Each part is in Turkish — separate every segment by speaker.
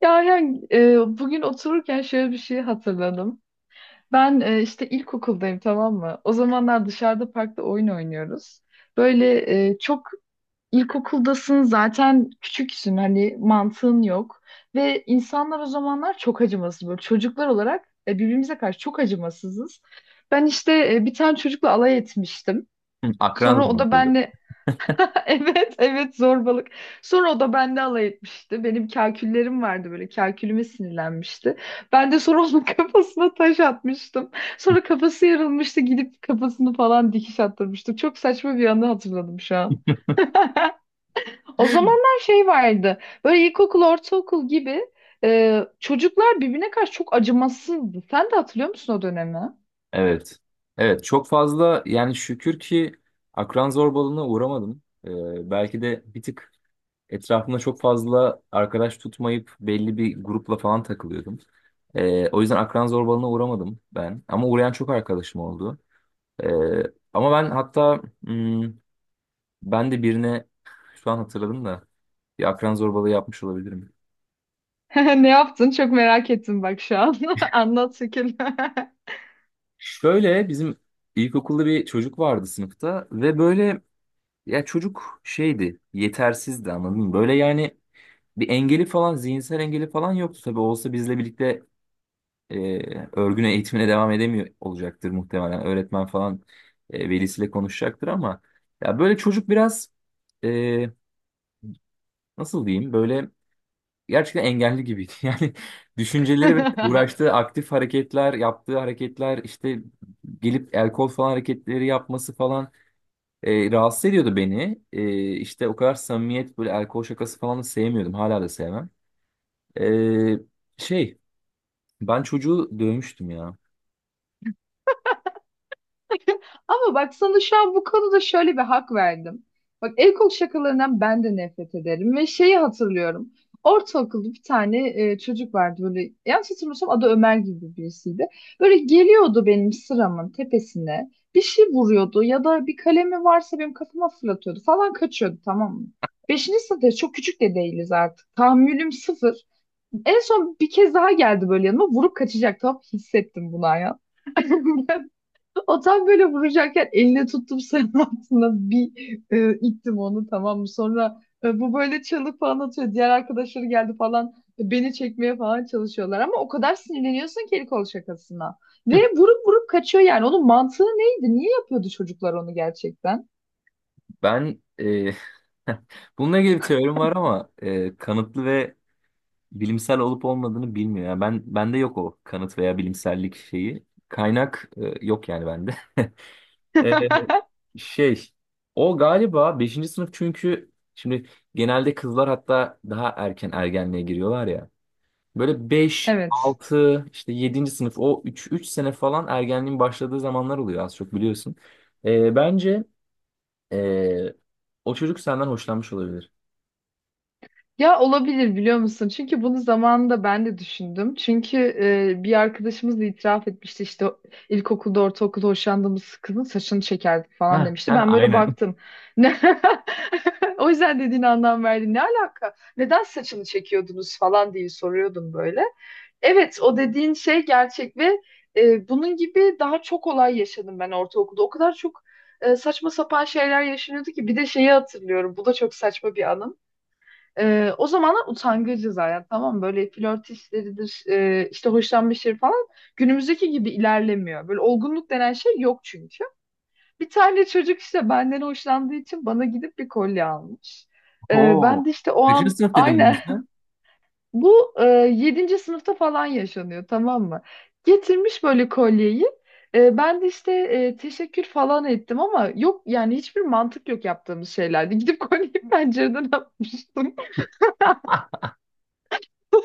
Speaker 1: Ya yani, bugün otururken şöyle bir şey hatırladım. Ben işte ilkokuldayım, tamam mı? O zamanlar dışarıda parkta oyun oynuyoruz. Böyle çok ilkokuldasın zaten, küçüksün, hani mantığın yok. Ve insanlar o zamanlar çok acımasız, böyle çocuklar olarak birbirimize karşı çok acımasızız. Ben işte bir tane çocukla alay etmiştim.
Speaker 2: Hı, akran
Speaker 1: Sonra o da
Speaker 2: zorbalığı.
Speaker 1: benle Evet, evet, zorbalık. Sonra o da bende alay etmişti. Benim kalküllerim vardı böyle. Kalkülüme sinirlenmişti. Ben de sonra onun kafasına taş atmıştım. Sonra kafası yarılmıştı. Gidip kafasını falan dikiş attırmıştım. Çok saçma bir anı hatırladım şu an. O zamanlar şey vardı. Böyle ilkokul, ortaokul gibi çocuklar birbirine karşı çok acımasızdı. Sen de hatırlıyor musun o dönemi?
Speaker 2: Evet. Evet çok fazla yani şükür ki akran zorbalığına uğramadım. Belki de bir tık etrafımda çok fazla arkadaş tutmayıp belli bir grupla falan takılıyordum. O yüzden akran zorbalığına uğramadım ben. Ama uğrayan çok arkadaşım oldu. Ee, Ama ben hatta ben de birine şu an hatırladım da bir akran zorbalığı yapmış olabilirim.
Speaker 1: Ne yaptın? Çok merak ettim bak şu an. Anlat şekil.
Speaker 2: Şöyle bizim ilkokulda bir çocuk vardı sınıfta ve böyle ya, çocuk şeydi, yetersizdi, anladın mı? Böyle yani bir engeli falan, zihinsel engeli falan yoktu. Tabii olsa bizle birlikte e, örgüne, eğitimine devam edemiyor olacaktır muhtemelen. Öğretmen falan velisiyle konuşacaktır ama ya böyle çocuk biraz e, nasıl diyeyim böyle gerçekten engelli gibiydi. Yani düşünceleri ve uğraştığı aktif hareketler, yaptığı hareketler işte gelip el kol falan hareketleri yapması falan. Rahatsız ediyordu beni. İşte o kadar samimiyet böyle alkol şakası falan da sevmiyordum. Hala da sevmem. E, şey Ben çocuğu dövmüştüm ya.
Speaker 1: Ama bak, sana şu an bu konuda şöyle bir hak verdim. Bak, el kol şakalarından ben de nefret ederim ve şeyi hatırlıyorum. Ortaokulda bir tane çocuk vardı, böyle yanlış hatırlamıyorsam adı Ömer gibi birisiydi. Böyle geliyordu benim sıramın tepesine, bir şey vuruyordu ya da bir kalemi varsa benim kafama fırlatıyordu falan, kaçıyordu, tamam mı? Beşinci sınıfta çok küçük de değiliz artık. Tahammülüm sıfır. En son bir kez daha geldi, böyle yanıma vurup kaçacak, tamam, hissettim bunu ya. O tam böyle vuracakken eline tuttum, sarının altına bir ittim onu, tamam mı? Sonra bu böyle çalıp falan atıyor. Diğer arkadaşları geldi falan, beni çekmeye falan çalışıyorlar. Ama o kadar sinirleniyorsun ki el kol şakasına. Ve vurup vurup kaçıyor yani. Onun mantığı neydi? Niye yapıyordu çocuklar onu gerçekten?
Speaker 2: Ben bununla ilgili bir teorim var ama kanıtlı ve bilimsel olup olmadığını bilmiyor. Yani ben bende yok o kanıt veya bilimsellik şeyi. Kaynak yok yani bende. E, şey O galiba beşinci sınıf çünkü şimdi genelde kızlar hatta daha erken ergenliğe giriyorlar ya. Böyle beş
Speaker 1: Evet.
Speaker 2: 6 işte yedinci sınıf o 3 3 sene falan ergenliğin başladığı zamanlar oluyor az çok biliyorsun. Bence ee, o çocuk senden hoşlanmış olabilir.
Speaker 1: Ya, olabilir, biliyor musun? Çünkü bunu zamanında ben de düşündüm. Çünkü bir arkadaşımız da itiraf etmişti, işte ilkokulda, ortaokulda hoşlandığımız kızın saçını çekerdik falan
Speaker 2: Heh,
Speaker 1: demişti.
Speaker 2: yani
Speaker 1: Ben böyle
Speaker 2: aynen.
Speaker 1: baktım. Ne? O yüzden dediğine anlam verdim. Ne alaka? Neden saçını çekiyordunuz falan diye soruyordum böyle. Evet, o dediğin şey gerçek ve bunun gibi daha çok olay yaşadım ben ortaokulda. O kadar çok saçma sapan şeyler yaşanıyordu ki, bir de şeyi hatırlıyorum. Bu da çok saçma bir anım. O zamanlar utangacı zaten, tamam mı? Böyle flört işleridir, işte hoşlanma işleri falan günümüzdeki gibi ilerlemiyor. Böyle olgunluk denen şey yok çünkü. Bir tane çocuk işte benden hoşlandığı için bana gidip bir kolye almış.
Speaker 2: Oo.
Speaker 1: Ben de işte o
Speaker 2: Kaçıncı
Speaker 1: an
Speaker 2: sınıf dedim bunu
Speaker 1: aynen
Speaker 2: sen?
Speaker 1: bu 7. sınıfta falan yaşanıyor, tamam mı? Getirmiş böyle kolyeyi. Ben de işte teşekkür falan ettim, ama yok yani, hiçbir mantık yok yaptığımız şeylerde. Gidip kolyeyi pencereden atmıştım.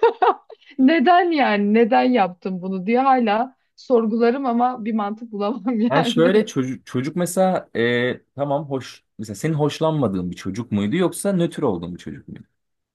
Speaker 1: Neden yani? Neden yaptım bunu diye hala sorgularım ama bir mantık bulamam
Speaker 2: Yani şöyle
Speaker 1: yani.
Speaker 2: çocuk mesela tamam hoş mesela senin hoşlanmadığın bir çocuk muydu yoksa nötr olduğun bir çocuk muydu?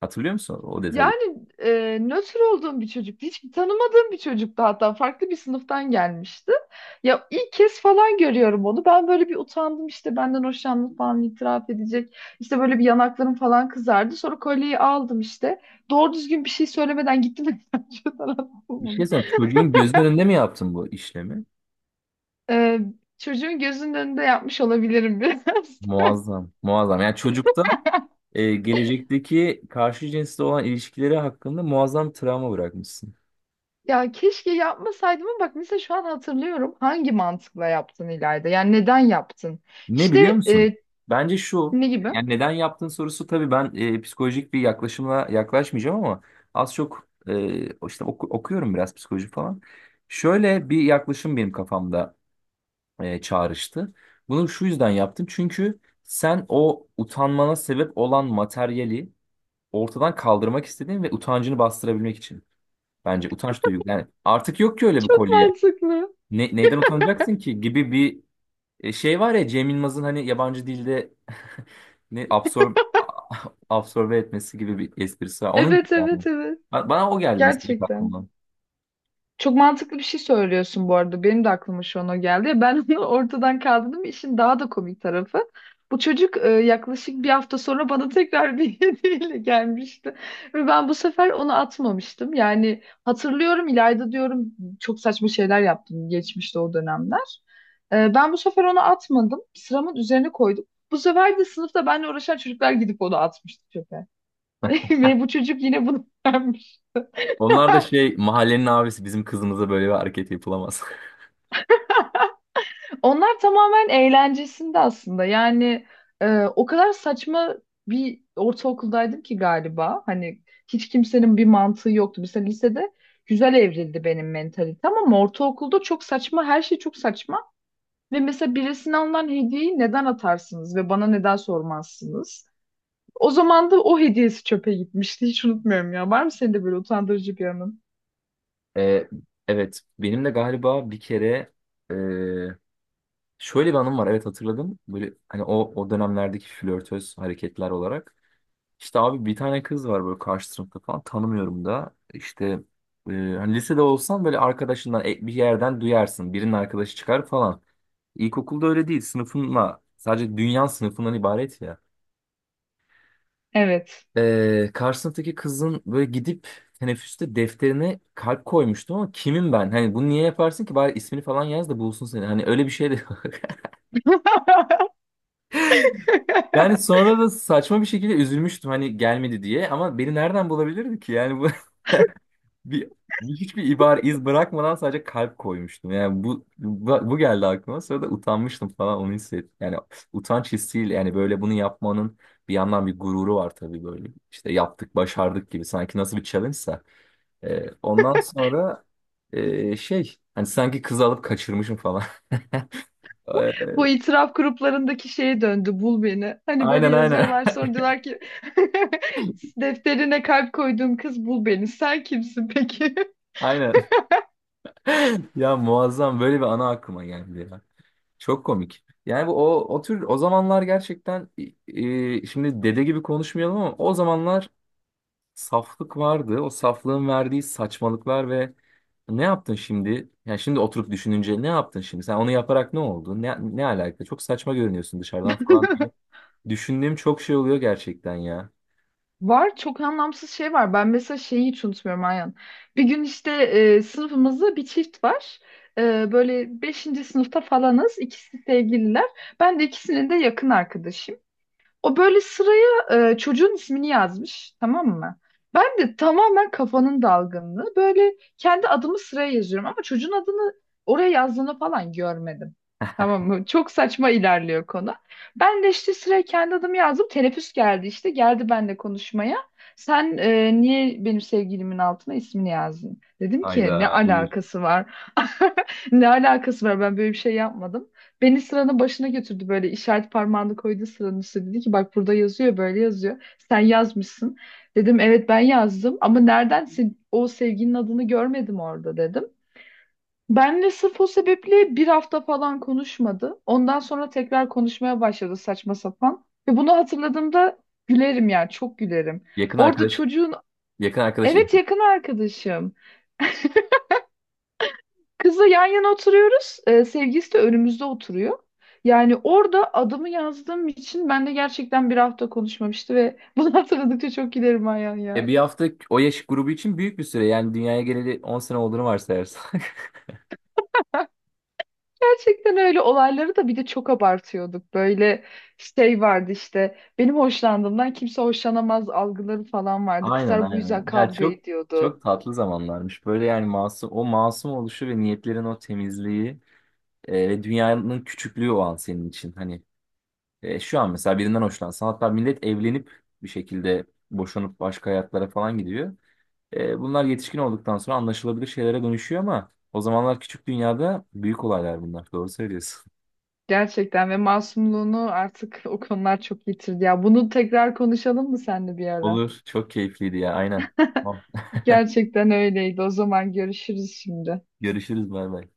Speaker 2: Hatırlıyor musun o detayı?
Speaker 1: Yani nötr olduğum bir çocuk, hiç tanımadığım bir çocuktu, hatta farklı bir sınıftan gelmişti. Ya ilk kez falan görüyorum onu. Ben böyle bir utandım, işte benden hoşlandığını falan itiraf edecek. İşte böyle bir yanaklarım falan kızardı. Sonra kolyeyi aldım işte. Doğru düzgün bir şey söylemeden gittim.
Speaker 2: Bir şey söyleyeyim. Çocuğun gözünün önünde mi yaptın bu işlemi?
Speaker 1: Ee, çocuğun gözünün önünde yapmış olabilirim biraz.
Speaker 2: Muazzam. Muazzam. Yani çocukta gelecekteki karşı cinsle olan ilişkileri hakkında muazzam travma bırakmışsın.
Speaker 1: Ya keşke yapmasaydım, ama bak mesela şu an hatırlıyorum, hangi mantıkla yaptın İlayda? Yani neden yaptın?
Speaker 2: Ne
Speaker 1: İşte
Speaker 2: biliyor musun? Bence şu,
Speaker 1: ne gibi?
Speaker 2: yani neden yaptığın sorusu tabii ben psikolojik bir yaklaşımla yaklaşmayacağım ama az çok işte okuyorum biraz psikoloji falan. Şöyle bir yaklaşım benim kafamda çağrıştı. Bunu şu yüzden yaptım çünkü sen o utanmana sebep olan materyali ortadan kaldırmak istedin ve utancını bastırabilmek için. Bence utanç duygu. Yani artık yok ki öyle bir
Speaker 1: Çok
Speaker 2: kolye.
Speaker 1: mantıklı.
Speaker 2: Neyden utanacaksın ki gibi bir şey var ya Cem Yılmaz'ın hani yabancı dilde ne absorb absorbe etmesi gibi bir esprisi var. Onun gibi
Speaker 1: Evet,
Speaker 2: yani.
Speaker 1: evet, evet.
Speaker 2: Bana o geldi mesela ilk
Speaker 1: Gerçekten.
Speaker 2: aklımdan.
Speaker 1: Çok mantıklı bir şey söylüyorsun bu arada. Benim de aklıma şu an o geldi. Ben onu ortadan kaldırdım. İşin daha da komik tarafı. Bu çocuk yaklaşık bir hafta sonra bana tekrar bir hediyeyle gelmişti. Ve ben bu sefer onu atmamıştım. Yani hatırlıyorum İlayda, diyorum çok saçma şeyler yaptım geçmişte o dönemler. E, ben bu sefer onu atmadım. Sıramın üzerine koydum. Bu sefer de sınıfta benimle uğraşan çocuklar gidip onu atmıştı çöpe. Ve bu çocuk yine bunu beğenmiş.
Speaker 2: Onlar da şey mahallenin abisi bizim kızımıza böyle bir hareket yapılamaz.
Speaker 1: Onlar tamamen eğlencesinde aslında. Yani o kadar saçma bir ortaokuldaydım ki galiba. Hani hiç kimsenin bir mantığı yoktu. Mesela lisede güzel evrildi benim mentalitem, ama ortaokulda çok saçma, her şey çok saçma. Ve mesela birisine alınan hediyeyi neden atarsınız ve bana neden sormazsınız? O zaman da o hediyesi çöpe gitmişti. Hiç unutmuyorum ya. Var mı senin de böyle utandırıcı bir anın?
Speaker 2: E, evet benim de galiba bir kere e, şöyle bir anım var, evet, hatırladım. Böyle hani o dönemlerdeki flörtöz hareketler olarak. İşte abi bir tane kız var böyle karşı sınıfta falan tanımıyorum da işte hani lisede olsan böyle arkadaşından bir yerden duyarsın birinin arkadaşı çıkar falan. İlkokulda öyle değil, sınıfınla sadece dünya sınıfından ibaret ya.
Speaker 1: Evet.
Speaker 2: Karşı sınıftaki kızın böyle gidip teneffüste defterine kalp koymuştum ama kimim ben? Hani bunu niye yaparsın ki, bari ismini falan yaz da bulsun seni. Hani öyle bir şey de yok. Yani sonra da saçma bir şekilde üzülmüştüm hani gelmedi diye, ama beni nereden bulabilirdi ki yani bu. Bir, hiçbir ibare iz bırakmadan sadece kalp koymuştum. Yani bu geldi aklıma. Sonra da utanmıştım falan, onu hissettim. Yani utanç hissiyle yani böyle bunu yapmanın bir yandan bir gururu var tabii böyle. İşte yaptık, başardık gibi, sanki nasıl bir challenge'sa. Ondan sonra şey hani sanki kızı alıp kaçırmışım falan.
Speaker 1: Bu
Speaker 2: Ee,
Speaker 1: itiraf gruplarındaki şeye döndü, bul beni. Hani böyle
Speaker 2: aynen, aynen.
Speaker 1: yazıyorlar, sonra diyorlar ki defterine kalp koyduğum kız, bul beni. Sen kimsin peki?
Speaker 2: Aynen. Ya muazzam böyle bir ana aklıma geldi ya. Çok komik. Yani bu o tür, o zamanlar gerçekten şimdi dede gibi konuşmayalım ama o zamanlar saflık vardı. O saflığın verdiği saçmalıklar ve ne yaptın şimdi? Yani şimdi oturup düşününce ne yaptın şimdi? Sen onu yaparak ne oldu? Ne alaka? Çok saçma görünüyorsun dışarıdan falan diye. Düşündüğüm çok şey oluyor gerçekten ya.
Speaker 1: Var, çok anlamsız şey var. Ben mesela şeyi hiç unutmuyorum Ayhan. Bir gün işte sınıfımızda bir çift var. E, böyle beşinci sınıfta falanız. İkisi sevgililer. Ben de ikisinin de yakın arkadaşım. O böyle sıraya çocuğun ismini yazmış, tamam mı? Ben de tamamen kafanın dalgınlığı. Böyle kendi adımı sıraya yazıyorum, ama çocuğun adını oraya yazdığını falan görmedim. Tamam mı? Çok saçma ilerliyor konu. Ben de işte sıraya kendi adımı yazdım. Teneffüs geldi işte. Geldi benimle konuşmaya. Sen niye benim sevgilimin altına ismini yazdın? Dedim ki ne
Speaker 2: Hayda buyur.
Speaker 1: alakası var? Ne alakası var? Ben böyle bir şey yapmadım. Beni sıranın başına götürdü, böyle işaret parmağını koydu sıranın üstüne. Dedi ki bak, burada yazıyor, böyle yazıyor. Sen yazmışsın. Dedim evet, ben yazdım ama nereden o sevginin adını görmedim orada dedim. Benle sırf o sebeple bir hafta falan konuşmadı. Ondan sonra tekrar konuşmaya başladı, saçma sapan. Ve bunu hatırladığımda gülerim yani, çok gülerim.
Speaker 2: Yakın
Speaker 1: Orada
Speaker 2: arkadaş.
Speaker 1: çocuğun
Speaker 2: Yakın arkadaş.
Speaker 1: evet yakın arkadaşım. Kızla yan yana oturuyoruz. Sevgilisi de önümüzde oturuyor. Yani orada adımı yazdığım için ben de gerçekten bir hafta konuşmamıştı ve bunu hatırladıkça çok gülerim Ayhan ya.
Speaker 2: Bir hafta o yaş grubu için büyük bir süre. Yani dünyaya geleli 10 sene olduğunu varsayarsak.
Speaker 1: Gerçekten öyle olayları da bir de çok abartıyorduk. Böyle şey vardı işte, benim hoşlandığımdan kimse hoşlanamaz algıları falan vardı.
Speaker 2: Aynen,
Speaker 1: Kızlar bu
Speaker 2: aynen.
Speaker 1: yüzden
Speaker 2: Ya
Speaker 1: kavga
Speaker 2: çok
Speaker 1: ediyordu.
Speaker 2: çok tatlı zamanlarmış. Böyle yani masum, o masum oluşu ve niyetlerin o temizliği ve dünyanın küçüklüğü o an senin için. Hani şu an mesela birinden hoşlansan hatta millet evlenip bir şekilde boşanıp başka hayatlara falan gidiyor. Bunlar yetişkin olduktan sonra anlaşılabilir şeylere dönüşüyor ama o zamanlar küçük dünyada büyük olaylar bunlar. Doğru söylüyorsun.
Speaker 1: Gerçekten ve masumluğunu artık o konular çok yitirdi. Ya bunu tekrar konuşalım mı seninle bir ara?
Speaker 2: Olur. Çok keyifliydi ya. Aynen.
Speaker 1: Gerçekten öyleydi. O zaman görüşürüz şimdi.
Speaker 2: Görüşürüz, bay bay.